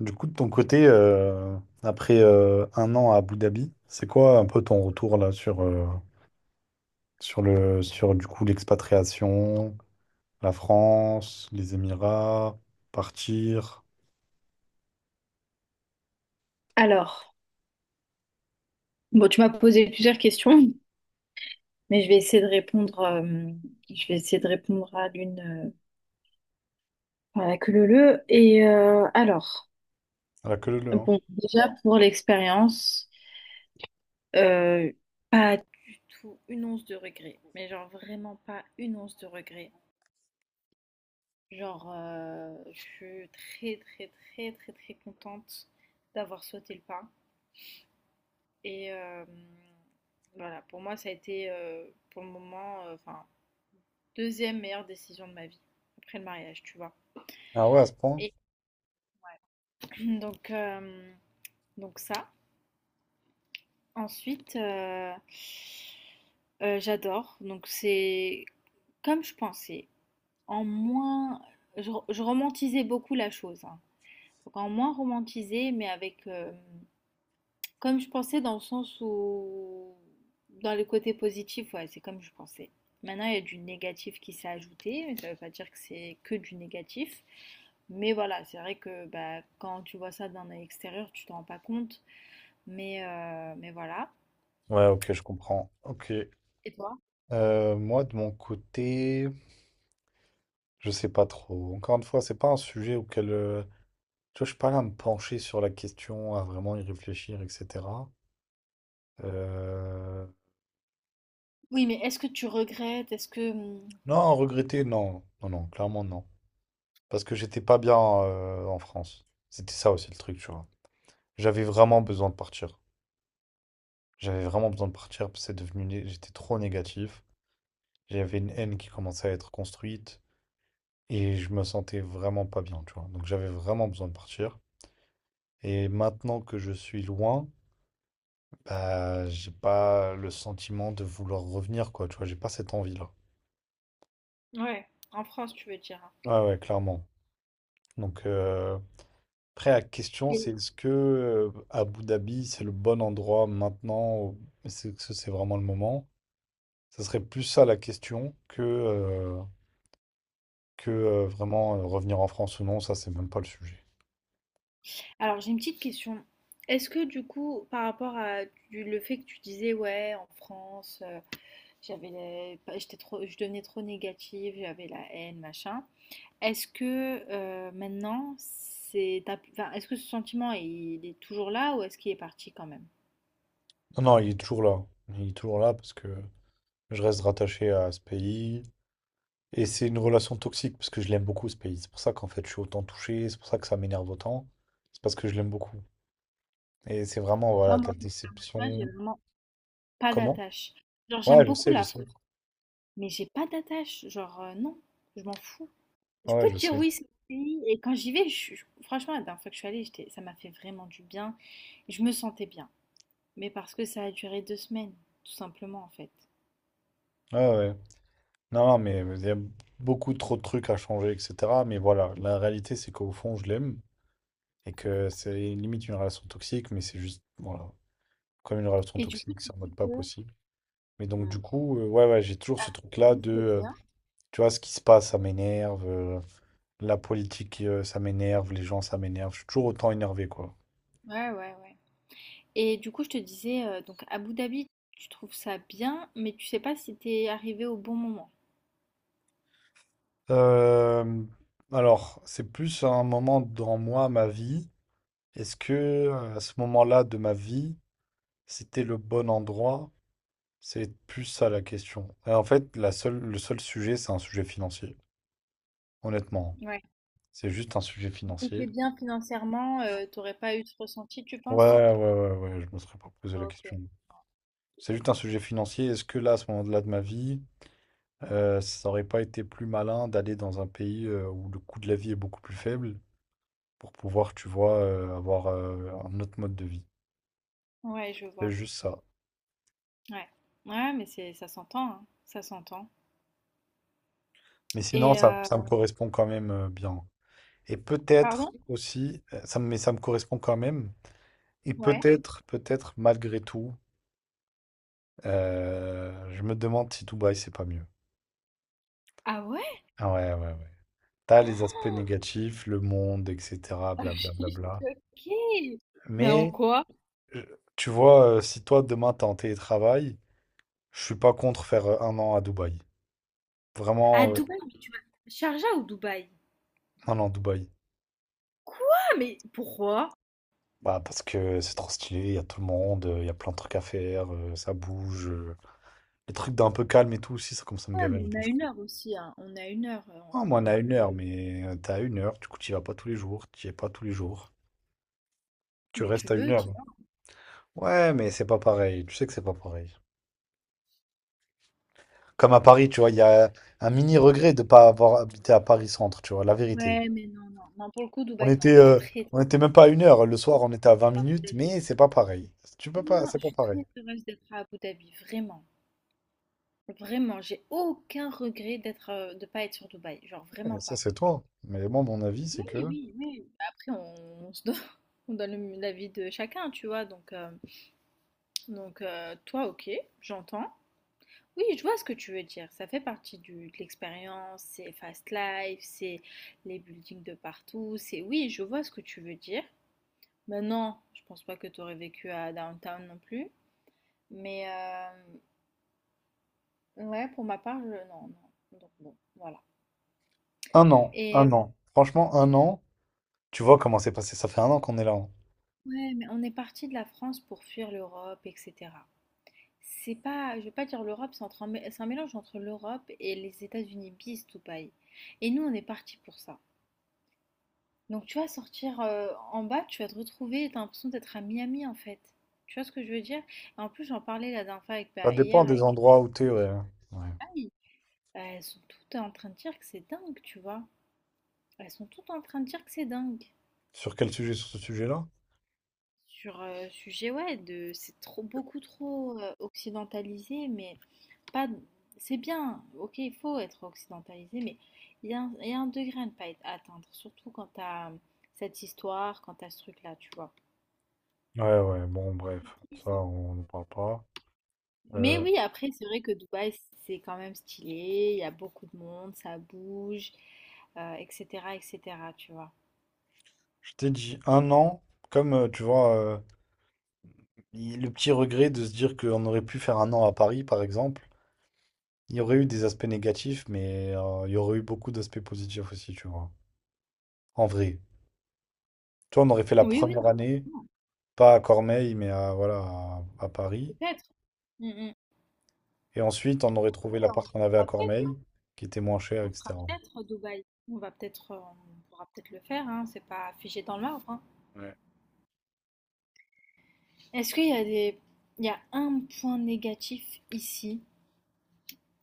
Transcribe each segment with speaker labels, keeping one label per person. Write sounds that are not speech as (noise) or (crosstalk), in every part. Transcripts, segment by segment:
Speaker 1: Du coup, de ton côté, après 1 an à Abu Dhabi, c'est quoi un peu ton retour là sur, sur le sur du coup l'expatriation, la France, les Émirats, partir,
Speaker 2: Alors, bon, tu m'as posé plusieurs questions, mais je vais essayer de répondre, je vais essayer de répondre à l'une, à la queue leu leu. Alors,
Speaker 1: à la queue leu leu, hein.
Speaker 2: bon, déjà pour l'expérience, euh, pas du tout une once de regret, mais genre vraiment pas une once de regret. Genre, je suis très très très très très contente d'avoir sauté le pas. Et euh, voilà, pour moi, ça a été pour le moment, enfin, deuxième meilleure décision de ma vie, après le mariage, tu vois.
Speaker 1: Ah ouais, à ce point?
Speaker 2: Et (clears throat) donc, euh, donc ça. Ensuite, j'adore. Donc c'est comme je pensais. En moins, je romantisais beaucoup la chose, hein. Donc en moins romantisé, mais avec, comme je pensais, dans le sens où dans les côtés positifs, ouais, c'est comme je pensais. Maintenant, il y a du négatif qui s'est ajouté, mais ça ne veut pas dire que c'est que du négatif. Mais voilà, c'est vrai que bah, quand tu vois ça d'un œil extérieur, tu t'en rends pas compte. Mais voilà.
Speaker 1: Ouais, ok, je comprends. Ok.
Speaker 2: Et toi?
Speaker 1: Moi, de mon côté, je sais pas trop. Encore une fois, c'est pas un sujet auquel tu vois, je suis pas là à me pencher sur la question, à vraiment y réfléchir, etc. Euh,
Speaker 2: Oui, mais est-ce que tu regrettes? Est-ce que...
Speaker 1: Non, regretter, non, non, non, clairement non. Parce que j'étais pas bien en France. C'était ça aussi le truc, tu vois. J'avais vraiment besoin de partir. J'avais vraiment besoin de partir parce que c'est J'étais trop négatif. J'avais une haine qui commençait à être construite et je me sentais vraiment pas bien, tu vois. Donc j'avais vraiment besoin de partir. Et maintenant que je suis loin, bah, j'ai pas le sentiment de vouloir revenir, quoi, tu vois. J'ai pas cette envie-là.
Speaker 2: Ouais, en France, tu veux dire, hein.
Speaker 1: Ouais, ouais, clairement. Donc, après, la question, c'est
Speaker 2: Et-
Speaker 1: est-ce que Abu Dhabi, c'est le bon endroit maintenant? Ou est-ce que c'est vraiment le moment? Ça serait plus ça la question que vraiment revenir en France ou non. Ça, c'est même pas le sujet.
Speaker 2: Alors, j'ai une petite question. Est-ce que du coup, par rapport à le fait que tu disais, ouais, en France, j'avais j'étais trop, je devenais trop négative, j'avais la haine, machin. Est-ce que maintenant, c'est, enfin, est-ce que ce sentiment, il est toujours là ou est-ce qu'il est parti quand même?
Speaker 1: Non, non, il est toujours là. Il est toujours là parce que je reste rattaché à ce pays. Et c'est une relation toxique parce que je l'aime beaucoup, ce pays. C'est pour ça qu'en fait, je suis autant touché. C'est pour ça que ça m'énerve autant. C'est parce que je l'aime beaucoup. Et c'est vraiment,
Speaker 2: Tu moi,
Speaker 1: voilà, de la
Speaker 2: contrairement à toi, j'ai
Speaker 1: déception.
Speaker 2: vraiment pas
Speaker 1: Comment?
Speaker 2: d'attache. Genre, j'aime
Speaker 1: Ouais, je
Speaker 2: beaucoup
Speaker 1: sais, je
Speaker 2: la
Speaker 1: sais.
Speaker 2: France, mais j'ai pas d'attache. Genre, non, je m'en fous. Je
Speaker 1: Ouais,
Speaker 2: peux
Speaker 1: je
Speaker 2: te dire
Speaker 1: sais.
Speaker 2: oui, c'est mon pays. Et quand j'y vais, franchement, la dernière fois que je suis allée, ça m'a fait vraiment du bien. Et je me sentais bien. Mais parce que ça a duré deux semaines, tout simplement, en fait.
Speaker 1: Ouais, ouais. Non, non, mais il y a beaucoup trop de trucs à changer, etc. Mais voilà, la réalité, c'est qu'au fond, je l'aime et que c'est limite une relation toxique, mais c'est juste, voilà, comme une relation
Speaker 2: Et du coup,
Speaker 1: toxique,
Speaker 2: tu
Speaker 1: c'est en
Speaker 2: dis
Speaker 1: mode pas
Speaker 2: que
Speaker 1: possible. Mais donc, du
Speaker 2: hmm,
Speaker 1: coup, ouais, ouais, j'ai toujours ce
Speaker 2: Abu
Speaker 1: truc-là
Speaker 2: Dhabi,
Speaker 1: de,
Speaker 2: c'est
Speaker 1: euh,
Speaker 2: bien.
Speaker 1: tu vois, ce qui se passe, ça m'énerve, la politique, ça m'énerve, les gens, ça m'énerve. Je suis toujours autant énervé, quoi.
Speaker 2: Ouais, ouais, ouais. Et du coup, je te disais, donc Abu Dhabi, tu trouves ça bien, mais tu sais pas si t'es arrivé au bon moment.
Speaker 1: Euh, alors, c'est plus un moment dans moi, ma vie. Est-ce que, à ce moment-là de ma vie, c'était le bon endroit? C'est plus ça la question. Et en fait, le seul sujet, c'est un sujet financier. Honnêtement,
Speaker 2: Ouais.
Speaker 1: c'est juste un sujet
Speaker 2: Si t'es
Speaker 1: financier.
Speaker 2: bien financièrement, t'aurais pas eu ce ressenti, tu
Speaker 1: Ouais,
Speaker 2: penses?
Speaker 1: ouais, je me serais pas posé la
Speaker 2: OK.
Speaker 1: question. C'est juste un sujet financier. Est-ce que là, à ce moment-là de ma vie, ça aurait pas été plus malin d'aller dans un pays où le coût de la vie est beaucoup plus faible pour pouvoir, tu vois, avoir un autre mode de vie?
Speaker 2: Ouais, je
Speaker 1: C'est
Speaker 2: vois.
Speaker 1: juste ça.
Speaker 2: Ouais. Ouais, mais c'est ça s'entend, hein, ça s'entend
Speaker 1: Mais sinon,
Speaker 2: et
Speaker 1: ça me correspond quand même bien. Et peut-être
Speaker 2: pardon?
Speaker 1: aussi, mais ça me correspond quand même. Et
Speaker 2: Ouais.
Speaker 1: peut-être, peut-être, malgré tout, je me demande si Dubaï, c'est pas mieux.
Speaker 2: Ah ouais?
Speaker 1: Ah ouais, ouais, ouais. T'as les aspects négatifs, le monde, etc.,
Speaker 2: (laughs) Je suis
Speaker 1: blablabla.
Speaker 2: choquée! Mais en
Speaker 1: Mais,
Speaker 2: quoi?
Speaker 1: tu vois, si toi, demain, t'es en télétravail, je suis pas contre faire 1 an à Dubaï.
Speaker 2: À
Speaker 1: Vraiment,
Speaker 2: Dubaï, mais tu vas Sharjah ou Dubaï?
Speaker 1: 1 an à Dubaï.
Speaker 2: Quoi? Mais pourquoi?
Speaker 1: Bah, parce que c'est trop stylé, il y a tout le monde, il y a plein de trucs à faire, ça bouge. Les trucs d'un peu calme et tout aussi, ça commence à me
Speaker 2: Ouais, mais
Speaker 1: gaver. Un
Speaker 2: on
Speaker 1: peu,
Speaker 2: a
Speaker 1: je crois.
Speaker 2: une heure aussi, hein, on a une heure,
Speaker 1: Ah,
Speaker 2: c'est
Speaker 1: moi,
Speaker 2: pas
Speaker 1: on
Speaker 2: non
Speaker 1: a une
Speaker 2: plus.
Speaker 1: heure, mais t'as 1 heure, du coup, t'y vas pas tous les jours, t'y es pas tous les jours. Tu
Speaker 2: Mais tu
Speaker 1: restes à une
Speaker 2: veux, tu y
Speaker 1: heure.
Speaker 2: vas.
Speaker 1: Ouais, mais c'est pas pareil. Tu sais que c'est pas pareil. Comme à Paris, tu vois, il y a un mini regret de pas avoir habité à Paris centre, tu vois, la vérité.
Speaker 2: Ouais, mais non, non, non, pour le coup,
Speaker 1: On
Speaker 2: Dubaï, non,
Speaker 1: était,
Speaker 2: je suis
Speaker 1: euh,
Speaker 2: très,
Speaker 1: on
Speaker 2: très
Speaker 1: était même pas à 1 heure. Le
Speaker 2: heureuse
Speaker 1: soir,
Speaker 2: d'être
Speaker 1: on était à 20
Speaker 2: à Abu
Speaker 1: minutes,
Speaker 2: Dhabi.
Speaker 1: mais c'est pas pareil. Tu peux pas,
Speaker 2: Non,
Speaker 1: c'est
Speaker 2: je
Speaker 1: pas
Speaker 2: suis
Speaker 1: pareil.
Speaker 2: très heureuse d'être à Abu Dhabi, vraiment. Vraiment, j'ai aucun regret d'être, de pas être sur Dubaï, genre
Speaker 1: Et
Speaker 2: vraiment
Speaker 1: ça,
Speaker 2: pas.
Speaker 1: c'est toi. Mais moi, mon avis,
Speaker 2: Oui,
Speaker 1: c'est que
Speaker 2: oui, oui. Bah, après on se donne (laughs) on donne le l'avis de chacun, tu vois? Donc toi OK, j'entends. Oui, je vois ce que tu veux dire, ça fait partie du de l'expérience, c'est fast life, c'est les buildings de partout, c'est oui, je vois ce que tu veux dire. Maintenant, je pense pas que tu aurais vécu à Downtown non plus, mais ouais, pour ma part, je non, non, donc bon, voilà.
Speaker 1: un an,
Speaker 2: Et
Speaker 1: un an. Franchement, 1 an. Tu vois comment c'est passé. Ça fait 1 an qu'on est là. Hein.
Speaker 2: ouais, mais on est parti de la France pour fuir l'Europe, etc. C'est pas, je vais pas dire l'Europe, c'est entre un c'est un mélange entre l'Europe et les États-Unis, bis tout paille. Et nous, on est parti pour ça. Donc tu vas sortir en bas, tu vas te retrouver, t'as l'impression d'être à Miami en fait. Tu vois ce que je veux dire? Et en plus, j'en parlais la dernière fois avec,
Speaker 1: Ça
Speaker 2: bah,
Speaker 1: dépend
Speaker 2: hier
Speaker 1: des
Speaker 2: avec
Speaker 1: endroits où t'es. Ouais. Ouais.
Speaker 2: Aïe, bah, elles sont toutes en train de dire que c'est dingue, tu vois. Elles sont toutes en train de dire que c'est dingue.
Speaker 1: Sur quel sujet? Sur ce sujet-là?
Speaker 2: Sur sujet, ouais, de, c'est trop, beaucoup trop occidentalisé, mais pas. C'est bien, ok, il faut être occidentalisé, mais il y a y a un degré à ne pas atteindre, surtout quand t'as cette histoire, quand t'as ce truc-là, tu vois.
Speaker 1: Ouais, ouais. Bon, bref.
Speaker 2: C'est
Speaker 1: Ça,
Speaker 2: triste.
Speaker 1: on ne parle pas.
Speaker 2: Mais
Speaker 1: Euh,
Speaker 2: oui, après, c'est vrai que Dubaï, c'est quand même stylé, il y a beaucoup de monde, ça bouge, etc., etc., tu vois.
Speaker 1: Je t'ai dit 1 an, comme tu vois, le petit regret de se dire qu'on aurait pu faire 1 an à Paris, par exemple, il y aurait eu des aspects négatifs, mais il y aurait eu beaucoup d'aspects positifs aussi, tu vois. En vrai. Toi, on aurait fait la
Speaker 2: Oui, oui,
Speaker 1: première
Speaker 2: non,
Speaker 1: année,
Speaker 2: non,
Speaker 1: pas à Cormeilles, mais à, voilà, à Paris.
Speaker 2: peut-être. Mm, mm.
Speaker 1: Et ensuite, on aurait
Speaker 2: Oui,
Speaker 1: trouvé
Speaker 2: on
Speaker 1: l'appart qu'on avait à
Speaker 2: fera peut-être,
Speaker 1: Cormeilles, qui était moins cher,
Speaker 2: on fera
Speaker 1: etc.
Speaker 2: peut-être Dubaï. On va peut-être, on pourra peut-être le faire, hein, c'est pas figé dans le marbre, hein.
Speaker 1: Ouais.
Speaker 2: Est-ce qu'il y a des... Il y a un point négatif ici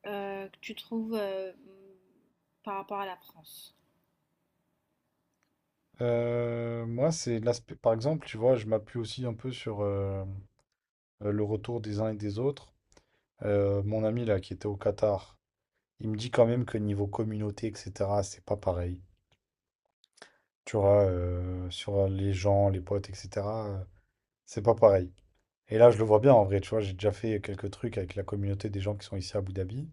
Speaker 2: que tu trouves par rapport à la France?
Speaker 1: Moi, c'est l'aspect. Par exemple, tu vois, je m'appuie aussi un peu sur le retour des uns et des autres. Mon ami là, qui était au Qatar. Il me dit quand même que niveau communauté, etc., c'est pas pareil. Tu vois, sur les gens, les potes, etc., euh, c'est pas pareil. Et là, je le vois bien en vrai, tu vois, j'ai déjà fait quelques trucs avec la communauté des gens qui sont ici à Abu Dhabi.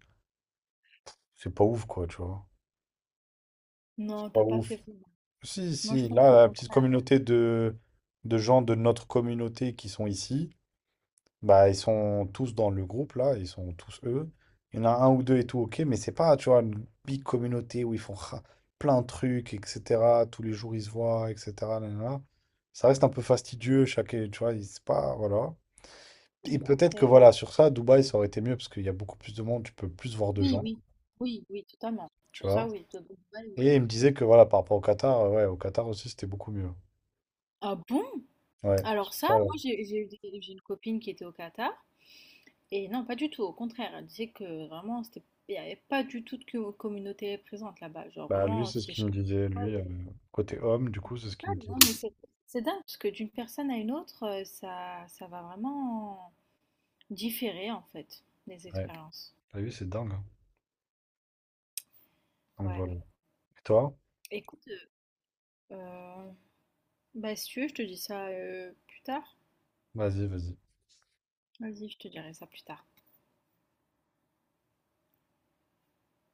Speaker 1: C'est pas ouf, quoi, tu vois. C'est
Speaker 2: Non,
Speaker 1: pas
Speaker 2: t'as pas
Speaker 1: ouf.
Speaker 2: fait vraiment.
Speaker 1: Si,
Speaker 2: Moi, je
Speaker 1: si,
Speaker 2: pense
Speaker 1: là,
Speaker 2: qu'au
Speaker 1: la petite
Speaker 2: contraire.
Speaker 1: communauté de gens de notre communauté qui sont ici, bah, ils sont tous dans le groupe, là, ils sont tous eux. Il y en a un ou deux et tout, ok, mais c'est pas, tu vois, une big communauté où ils font plein de trucs, etc. Tous les jours, ils se voient, etc. Nanana. Ça reste un peu fastidieux, chaque, tu vois, il- c'est pas, voilà. Et
Speaker 2: Oui,
Speaker 1: peut-être que,
Speaker 2: après,
Speaker 1: voilà, sur ça, Dubaï, ça aurait été mieux, parce qu'il y a beaucoup plus de monde, tu peux plus voir de
Speaker 2: oui,
Speaker 1: gens,
Speaker 2: oui, oui, oui, totalement.
Speaker 1: tu
Speaker 2: Sur
Speaker 1: vois.
Speaker 2: ça, oui, de bonne nouvelle, oui.
Speaker 1: Et il me disait que, voilà, par rapport au Qatar, ouais, au Qatar aussi, c'était beaucoup mieux.
Speaker 2: Ah bon?
Speaker 1: Ouais,
Speaker 2: Alors
Speaker 1: sur
Speaker 2: ça,
Speaker 1: ça,
Speaker 2: moi,
Speaker 1: ouais.
Speaker 2: j'ai eu j'ai une copine qui était au Qatar. Et non, pas du tout. Au contraire, elle disait que vraiment, c'était, il n'y avait pas du tout de communauté présente là-bas. Genre,
Speaker 1: Bah, lui,
Speaker 2: vraiment,
Speaker 1: c'est ce
Speaker 2: c'était
Speaker 1: qu'il me
Speaker 2: chacun.
Speaker 1: disait, lui, côté homme, du coup, c'est ce
Speaker 2: Ah
Speaker 1: qu'il me
Speaker 2: non, mais
Speaker 1: disait.
Speaker 2: c'est dingue parce que d'une personne à une autre, ça, ça va vraiment différer en fait les
Speaker 1: Ouais,
Speaker 2: expériences.
Speaker 1: t'as vu, c'est dingue, hein. Donc
Speaker 2: Ouais.
Speaker 1: voilà. Et toi?
Speaker 2: Écoute, euh, bah, si tu veux, je te dis ça plus tard.
Speaker 1: Vas-y, vas-y.
Speaker 2: Vas-y, je te dirai ça plus tard.